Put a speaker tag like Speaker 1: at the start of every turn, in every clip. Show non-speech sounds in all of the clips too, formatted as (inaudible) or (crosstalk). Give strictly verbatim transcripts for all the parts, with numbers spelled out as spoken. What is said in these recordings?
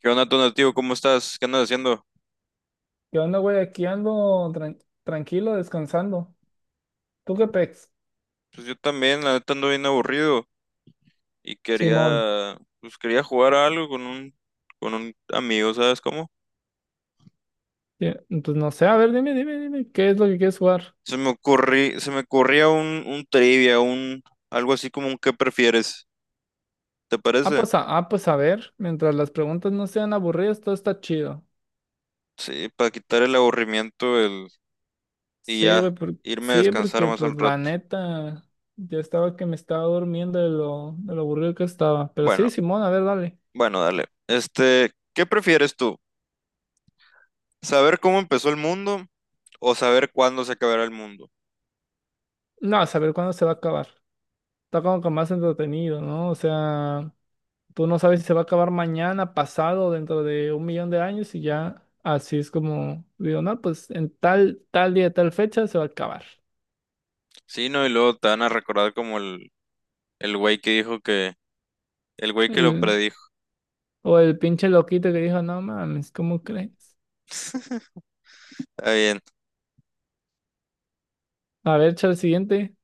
Speaker 1: ¿Qué onda, Tonativo? ¿Cómo estás? ¿Qué andas haciendo?
Speaker 2: ¿Qué onda, güey? Aquí ando tran- tranquilo, descansando. ¿Tú qué pex?
Speaker 1: Pues yo también, la neta ando bien aburrido y
Speaker 2: Simón.
Speaker 1: quería, pues quería jugar a algo con un, con un amigo, ¿sabes cómo?
Speaker 2: Sí. Pues no sé, a ver, dime, dime, dime, ¿qué es lo que quieres jugar?
Speaker 1: Se me ocurrí, se me ocurría un, un trivia, un, algo así como un ¿qué prefieres? ¿Te
Speaker 2: Ah,
Speaker 1: parece?
Speaker 2: pues a, ah, pues a ver, mientras las preguntas no sean aburridas, todo está chido.
Speaker 1: Sí, para quitar el aburrimiento el, y
Speaker 2: Sí,
Speaker 1: ya,
Speaker 2: güey, por-
Speaker 1: irme a
Speaker 2: sí,
Speaker 1: descansar
Speaker 2: porque
Speaker 1: más
Speaker 2: pues
Speaker 1: al
Speaker 2: la
Speaker 1: rato.
Speaker 2: neta, ya estaba que me estaba durmiendo de lo, de lo aburrido que estaba. Pero sí,
Speaker 1: Bueno,
Speaker 2: Simón, a ver, dale.
Speaker 1: bueno, dale. Este, ¿qué prefieres tú? ¿Saber cómo empezó el mundo o saber cuándo se acabará el mundo?
Speaker 2: No, a saber cuándo se va a acabar. Está como que más entretenido, ¿no? O sea, tú no sabes si se va a acabar mañana, pasado, dentro de un millón de años, y ya así es como digo, no, pues en tal, tal día, tal fecha se va a acabar.
Speaker 1: Sí, no, y luego te van a recordar como el, El güey que dijo que... El güey que lo
Speaker 2: El-
Speaker 1: predijo.
Speaker 2: o el pinche loquito que dijo, no mames, ¿cómo crees?
Speaker 1: (laughs) Está bien.
Speaker 2: A ver, echa el siguiente.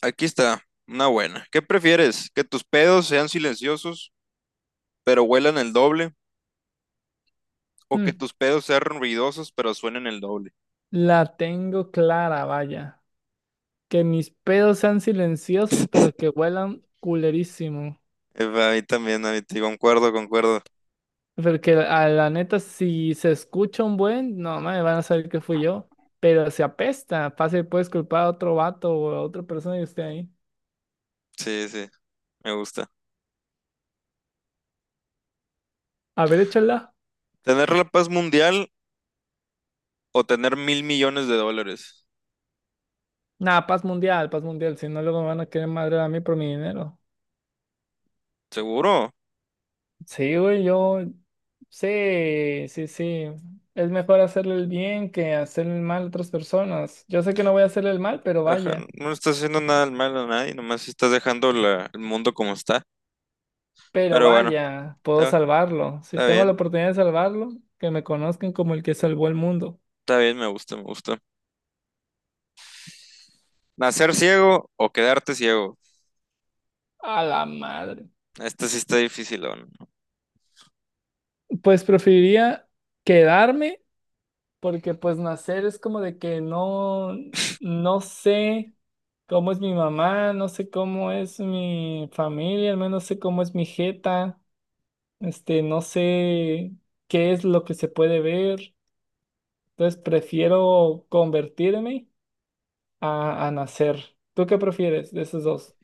Speaker 1: Aquí está. Una buena. ¿Qué prefieres? ¿Que tus pedos sean silenciosos, pero huelan el doble? ¿O que
Speaker 2: Mm,
Speaker 1: tus pedos sean ruidosos, pero suenen el doble?
Speaker 2: la tengo clara, vaya. Que mis pedos sean silenciosos, pero que huelan culerísimo.
Speaker 1: Eh, A mí también, a mí te concuerdo, concuerdo.
Speaker 2: Porque a la neta, si se escucha un buen, no me van a saber que fui yo. Pero se apesta, fácil puedes culpar a otro vato o a otra persona y esté ahí.
Speaker 1: Sí, sí, me gusta.
Speaker 2: A ver, échala.
Speaker 1: ¿Tener la paz mundial o tener mil millones de dólares?
Speaker 2: Nada, paz mundial, paz mundial. Si no, luego me van a querer madrear a mí por mi dinero.
Speaker 1: ¿Seguro?
Speaker 2: Sí, güey, yo. Sí, sí, sí. Es mejor hacerle el bien que hacerle el mal a otras personas. Yo sé que no voy a hacerle el mal, pero
Speaker 1: Ajá,
Speaker 2: vaya.
Speaker 1: no estás haciendo nada malo a nadie, nomás estás dejando la- el mundo como está.
Speaker 2: Pero
Speaker 1: Pero bueno,
Speaker 2: vaya, puedo
Speaker 1: está,
Speaker 2: salvarlo. Si
Speaker 1: está
Speaker 2: tengo la
Speaker 1: bien,
Speaker 2: oportunidad de salvarlo, que me conozcan como el que salvó el mundo.
Speaker 1: está bien, me gusta, me gusta. ¿Nacer ciego o quedarte ciego?
Speaker 2: A la madre.
Speaker 1: Esta sí está difícil, ¿no?
Speaker 2: Pues preferiría quedarme, porque pues nacer es como de que no, no sé cómo es mi mamá, no sé cómo es mi familia, al menos sé cómo es mi jeta, este, no sé qué es lo que se puede ver. Entonces prefiero convertirme a, a nacer. ¿Tú qué prefieres de esos dos?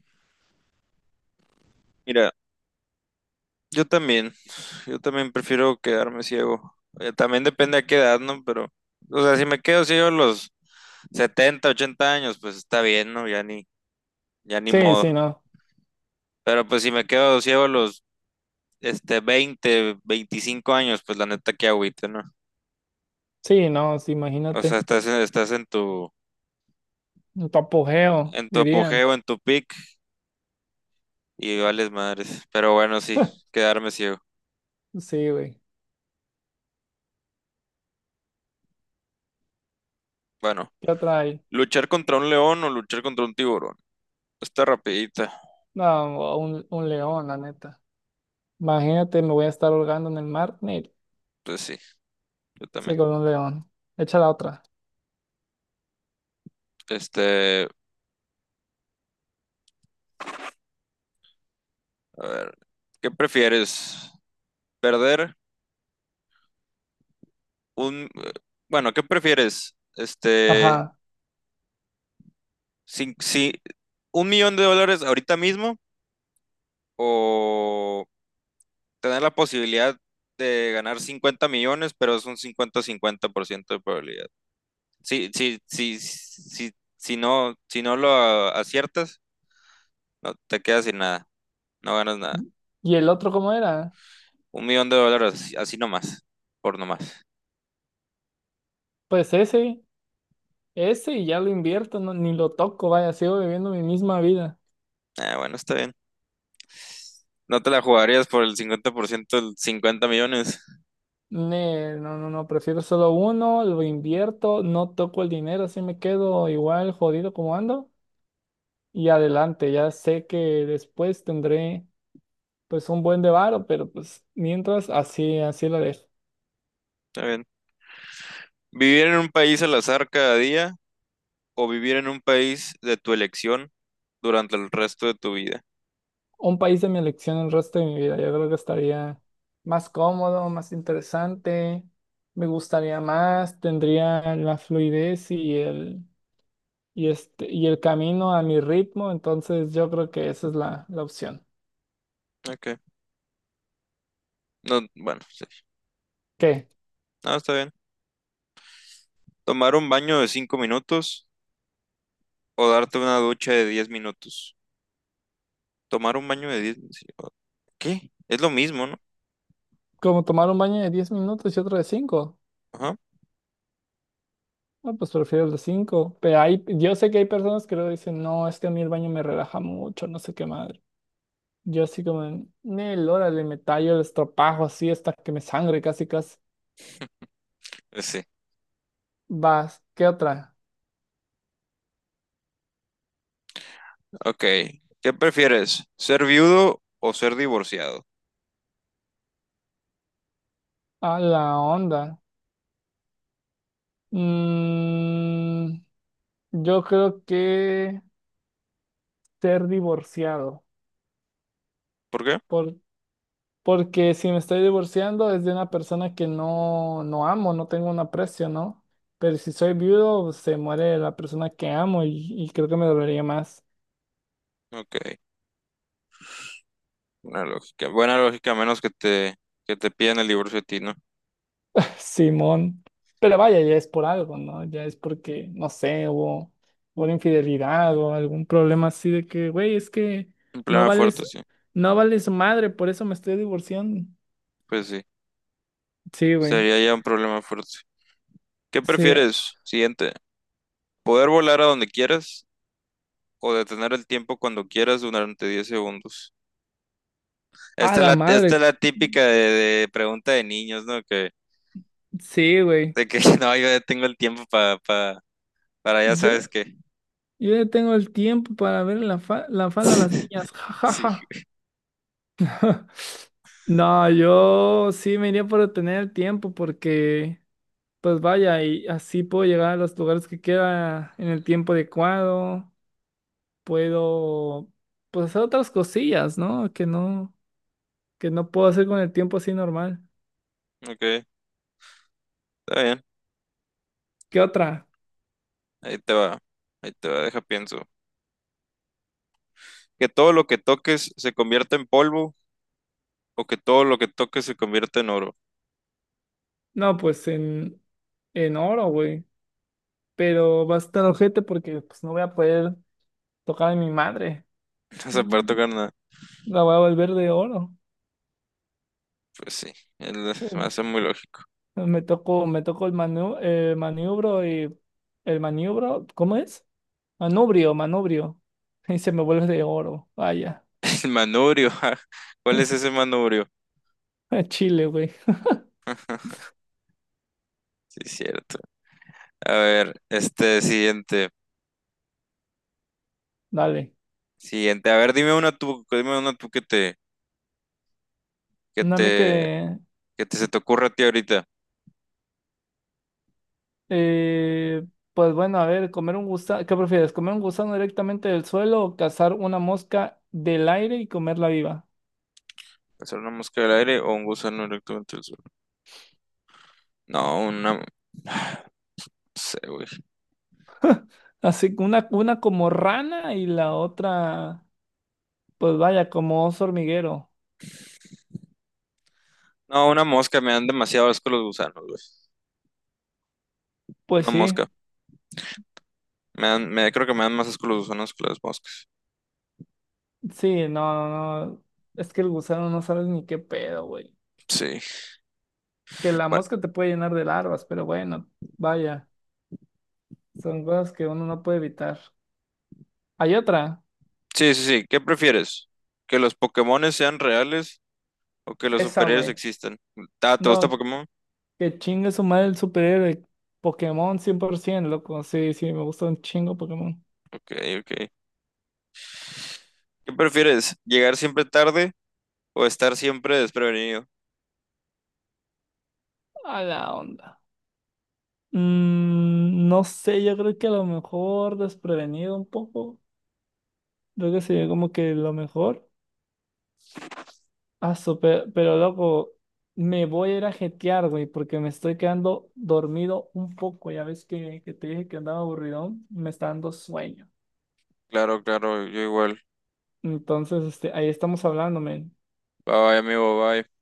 Speaker 1: Mira, yo también, yo también prefiero quedarme ciego. Eh, También depende a qué edad, ¿no? Pero, o sea, si me quedo ciego a los setenta, ochenta años, pues está bien, ¿no? Ya ni, ya ni
Speaker 2: Sí,
Speaker 1: modo.
Speaker 2: sí, no.
Speaker 1: Pero pues si me quedo ciego a los, este, veinte, veinticinco años, pues la neta que agüite, ¿no?
Speaker 2: Sí, no, sí,
Speaker 1: O sea,
Speaker 2: imagínate.
Speaker 1: estás, en- estás en tu,
Speaker 2: Un apogeo,
Speaker 1: en tu
Speaker 2: dirían.
Speaker 1: apogeo, en tu peak y vales madres. Pero bueno, sí, quedarme ciego.
Speaker 2: Sí, güey.
Speaker 1: Bueno,
Speaker 2: ¿Qué otra hay?
Speaker 1: luchar contra un león o luchar contra un tiburón. Está rapidita.
Speaker 2: No, un, un león, la neta. Imagínate, me voy a estar holgando en el mar. Ni-
Speaker 1: Pues sí, yo
Speaker 2: Sí,
Speaker 1: también.
Speaker 2: con un león. Echa la otra.
Speaker 1: Este, a ver, ¿qué prefieres? ¿Perder un... Bueno, ¿qué prefieres? Este,
Speaker 2: Ajá.
Speaker 1: si, si- un millón de dólares ahorita mismo o tener la posibilidad de ganar cincuenta millones, pero es un cincuenta cincuenta por ciento de probabilidad. si si si si si no, si no lo aciertas, no te quedas sin nada, no ganas nada.
Speaker 2: ¿Y el otro cómo era?
Speaker 1: Un millón de dólares, así así nomás, por nomás.
Speaker 2: Pues ese, ese, y ya lo invierto, no, ni lo toco, vaya, sigo viviendo mi misma vida.
Speaker 1: Ah, bueno, está bien. No te la jugarías por el cincuenta por ciento el cincuenta millones.
Speaker 2: Ne- No, no, no, prefiero solo uno, lo invierto, no toco el dinero, así me quedo igual jodido como ando. Y adelante, ya sé que después tendré pues un buen de varo, pero pues mientras así, así lo dejo.
Speaker 1: Está bien. Vivir en un país al azar cada día o vivir en un país de tu elección durante el resto de tu vida.
Speaker 2: Un país de mi elección el resto de mi vida. Yo creo que estaría más cómodo, más interesante, me gustaría más, tendría la fluidez y el, y este, y el camino a mi ritmo. Entonces yo creo que esa es la, la opción.
Speaker 1: Ok. No, bueno, sí.
Speaker 2: ¿Qué?
Speaker 1: No, está bien. Tomar un baño de cinco minutos o darte una ducha de diez minutos. Tomar un baño de diez minutos. Sí. ¿Qué? Es lo mismo, ¿no?
Speaker 2: ¿Como tomar un baño de diez minutos y otro de cinco?
Speaker 1: Ajá.
Speaker 2: No, pues prefiero el de cinco. Pero hay, yo sé que hay personas que luego dicen, no, es que a mí el baño me relaja mucho, no sé qué madre. Yo así como, Nel, órale, me tallo el estropajo así hasta que me sangre casi casi.
Speaker 1: Eh, Sí.
Speaker 2: Vas, ¿qué otra?
Speaker 1: Ok. ¿Qué prefieres? ¿Ser viudo o ser divorciado?
Speaker 2: A la onda. Mm, yo creo que ser divorciado.
Speaker 1: ¿Por qué?
Speaker 2: Por, porque si me estoy divorciando es de una persona que no, no amo, no tengo un aprecio, ¿no? Pero si soy viudo, se muere la persona que amo, y, y creo que me dolería más.
Speaker 1: Ok. Una lógica, buena lógica, a menos que te, que te pidan el divorcio a ti, ¿no?
Speaker 2: Simón. Pero vaya, ya es por algo, ¿no? Ya es porque, no sé, hubo hubo una infidelidad o algún problema así de que, güey, es que
Speaker 1: Un
Speaker 2: no
Speaker 1: problema fuerte,
Speaker 2: vales,
Speaker 1: sí.
Speaker 2: no vales madre, por eso me estoy divorciando.
Speaker 1: Pues sí,
Speaker 2: Sí, güey.
Speaker 1: sería ya un problema fuerte. ¿Qué
Speaker 2: Sí.
Speaker 1: prefieres? Siguiente. ¿Poder volar a donde quieras o detener el tiempo cuando quieras durante diez segundos?
Speaker 2: A
Speaker 1: Esta es
Speaker 2: la
Speaker 1: la, esta
Speaker 2: madre.
Speaker 1: es la típica de, de pregunta de niños, ¿no? Que,
Speaker 2: Sí, güey.
Speaker 1: de que (laughs) no, yo ya tengo el tiempo pa, pa- para ya
Speaker 2: Yo,
Speaker 1: sabes qué.
Speaker 2: yo ya tengo el tiempo para ver la, fa- la falda a las
Speaker 1: (laughs)
Speaker 2: niñas. Ja,
Speaker 1: Sí,
Speaker 2: ja, ja. (laughs) No, yo sí me iría por tener el tiempo, porque pues vaya, y así puedo llegar a los lugares que quiera en el tiempo adecuado. Puedo, pues, hacer otras cosillas, ¿no? Que no, que no puedo hacer con el tiempo así normal.
Speaker 1: ok, está bien.
Speaker 2: ¿Qué otra?
Speaker 1: Ahí te va. Ahí te va, deja pienso. Que todo lo que toques se convierta en polvo o que todo lo que toque se convierta en oro.
Speaker 2: No, pues en, en oro, güey. Pero va a estar ojete porque pues no voy a poder tocar a mi madre.
Speaker 1: (laughs) No se puede
Speaker 2: Mm,
Speaker 1: tocar nada.
Speaker 2: la voy a volver de oro.
Speaker 1: Pues sí, el- me hace
Speaker 2: (laughs)
Speaker 1: muy lógico.
Speaker 2: Em, Me toco, me toco el manu- el maniobro, y el maniobro, ¿cómo es? Manubrio, manubrio. (laughs) Y se me vuelve de oro. Vaya.
Speaker 1: (laughs) El manubrio, ja. ¿Cuál es ese manubrio?
Speaker 2: (laughs) Chile, güey.
Speaker 1: Sí, cierto. A ver, este siguiente.
Speaker 2: Dale.
Speaker 1: Siguiente. A ver, dime una tú, dime una tú que te, que
Speaker 2: No, a mí
Speaker 1: te,
Speaker 2: que.
Speaker 1: que te se te ocurra a ti ahorita.
Speaker 2: Eh, pues bueno, a ver, comer un gusano. ¿Qué prefieres? ¿Comer un gusano directamente del suelo o cazar una mosca del aire y comerla viva?
Speaker 1: ¿Pasar una mosca del aire o un gusano directamente del suelo? No, una, no sé, güey.
Speaker 2: Así que una, una como rana y la otra, pues vaya, como oso hormiguero.
Speaker 1: No, una mosca, me dan demasiado asco los gusanos, güey.
Speaker 2: Pues
Speaker 1: Una
Speaker 2: sí,
Speaker 1: mosca. Me dan, me, creo que me dan más asco los gusanos que las moscas.
Speaker 2: sí, no, no, no. Es que el gusano no sabes ni qué pedo, güey.
Speaker 1: Sí.
Speaker 2: Que la
Speaker 1: Bueno.
Speaker 2: mosca te puede llenar de larvas, pero bueno, vaya. Son cosas que uno no puede evitar. Hay otra,
Speaker 1: Sí, sí, sí. ¿Qué prefieres? ¿Que los Pokémones sean reales o que los
Speaker 2: esa,
Speaker 1: superhéroes
Speaker 2: güey.
Speaker 1: existan? Ah, ¿te gusta
Speaker 2: No,
Speaker 1: Pokémon?
Speaker 2: que chingue su madre el superhéroe. Pokémon cien por ciento, loco. Sí, sí, me gusta un chingo Pokémon.
Speaker 1: Ok, ok. ¿Qué prefieres? ¿Llegar siempre tarde o estar siempre desprevenido?
Speaker 2: A la onda. Mm, no sé, yo creo que a lo mejor desprevenido un poco. Creo que sería como que lo mejor. Ah, super, pero loco, me voy a ir a jetear, güey, porque me estoy quedando dormido un poco. Ya ves que, que te dije que andaba aburridón, me está dando sueño.
Speaker 1: Claro, claro, yo igual.
Speaker 2: Entonces, este, ahí estamos hablando, men.
Speaker 1: Bye, bye, amigo, bye.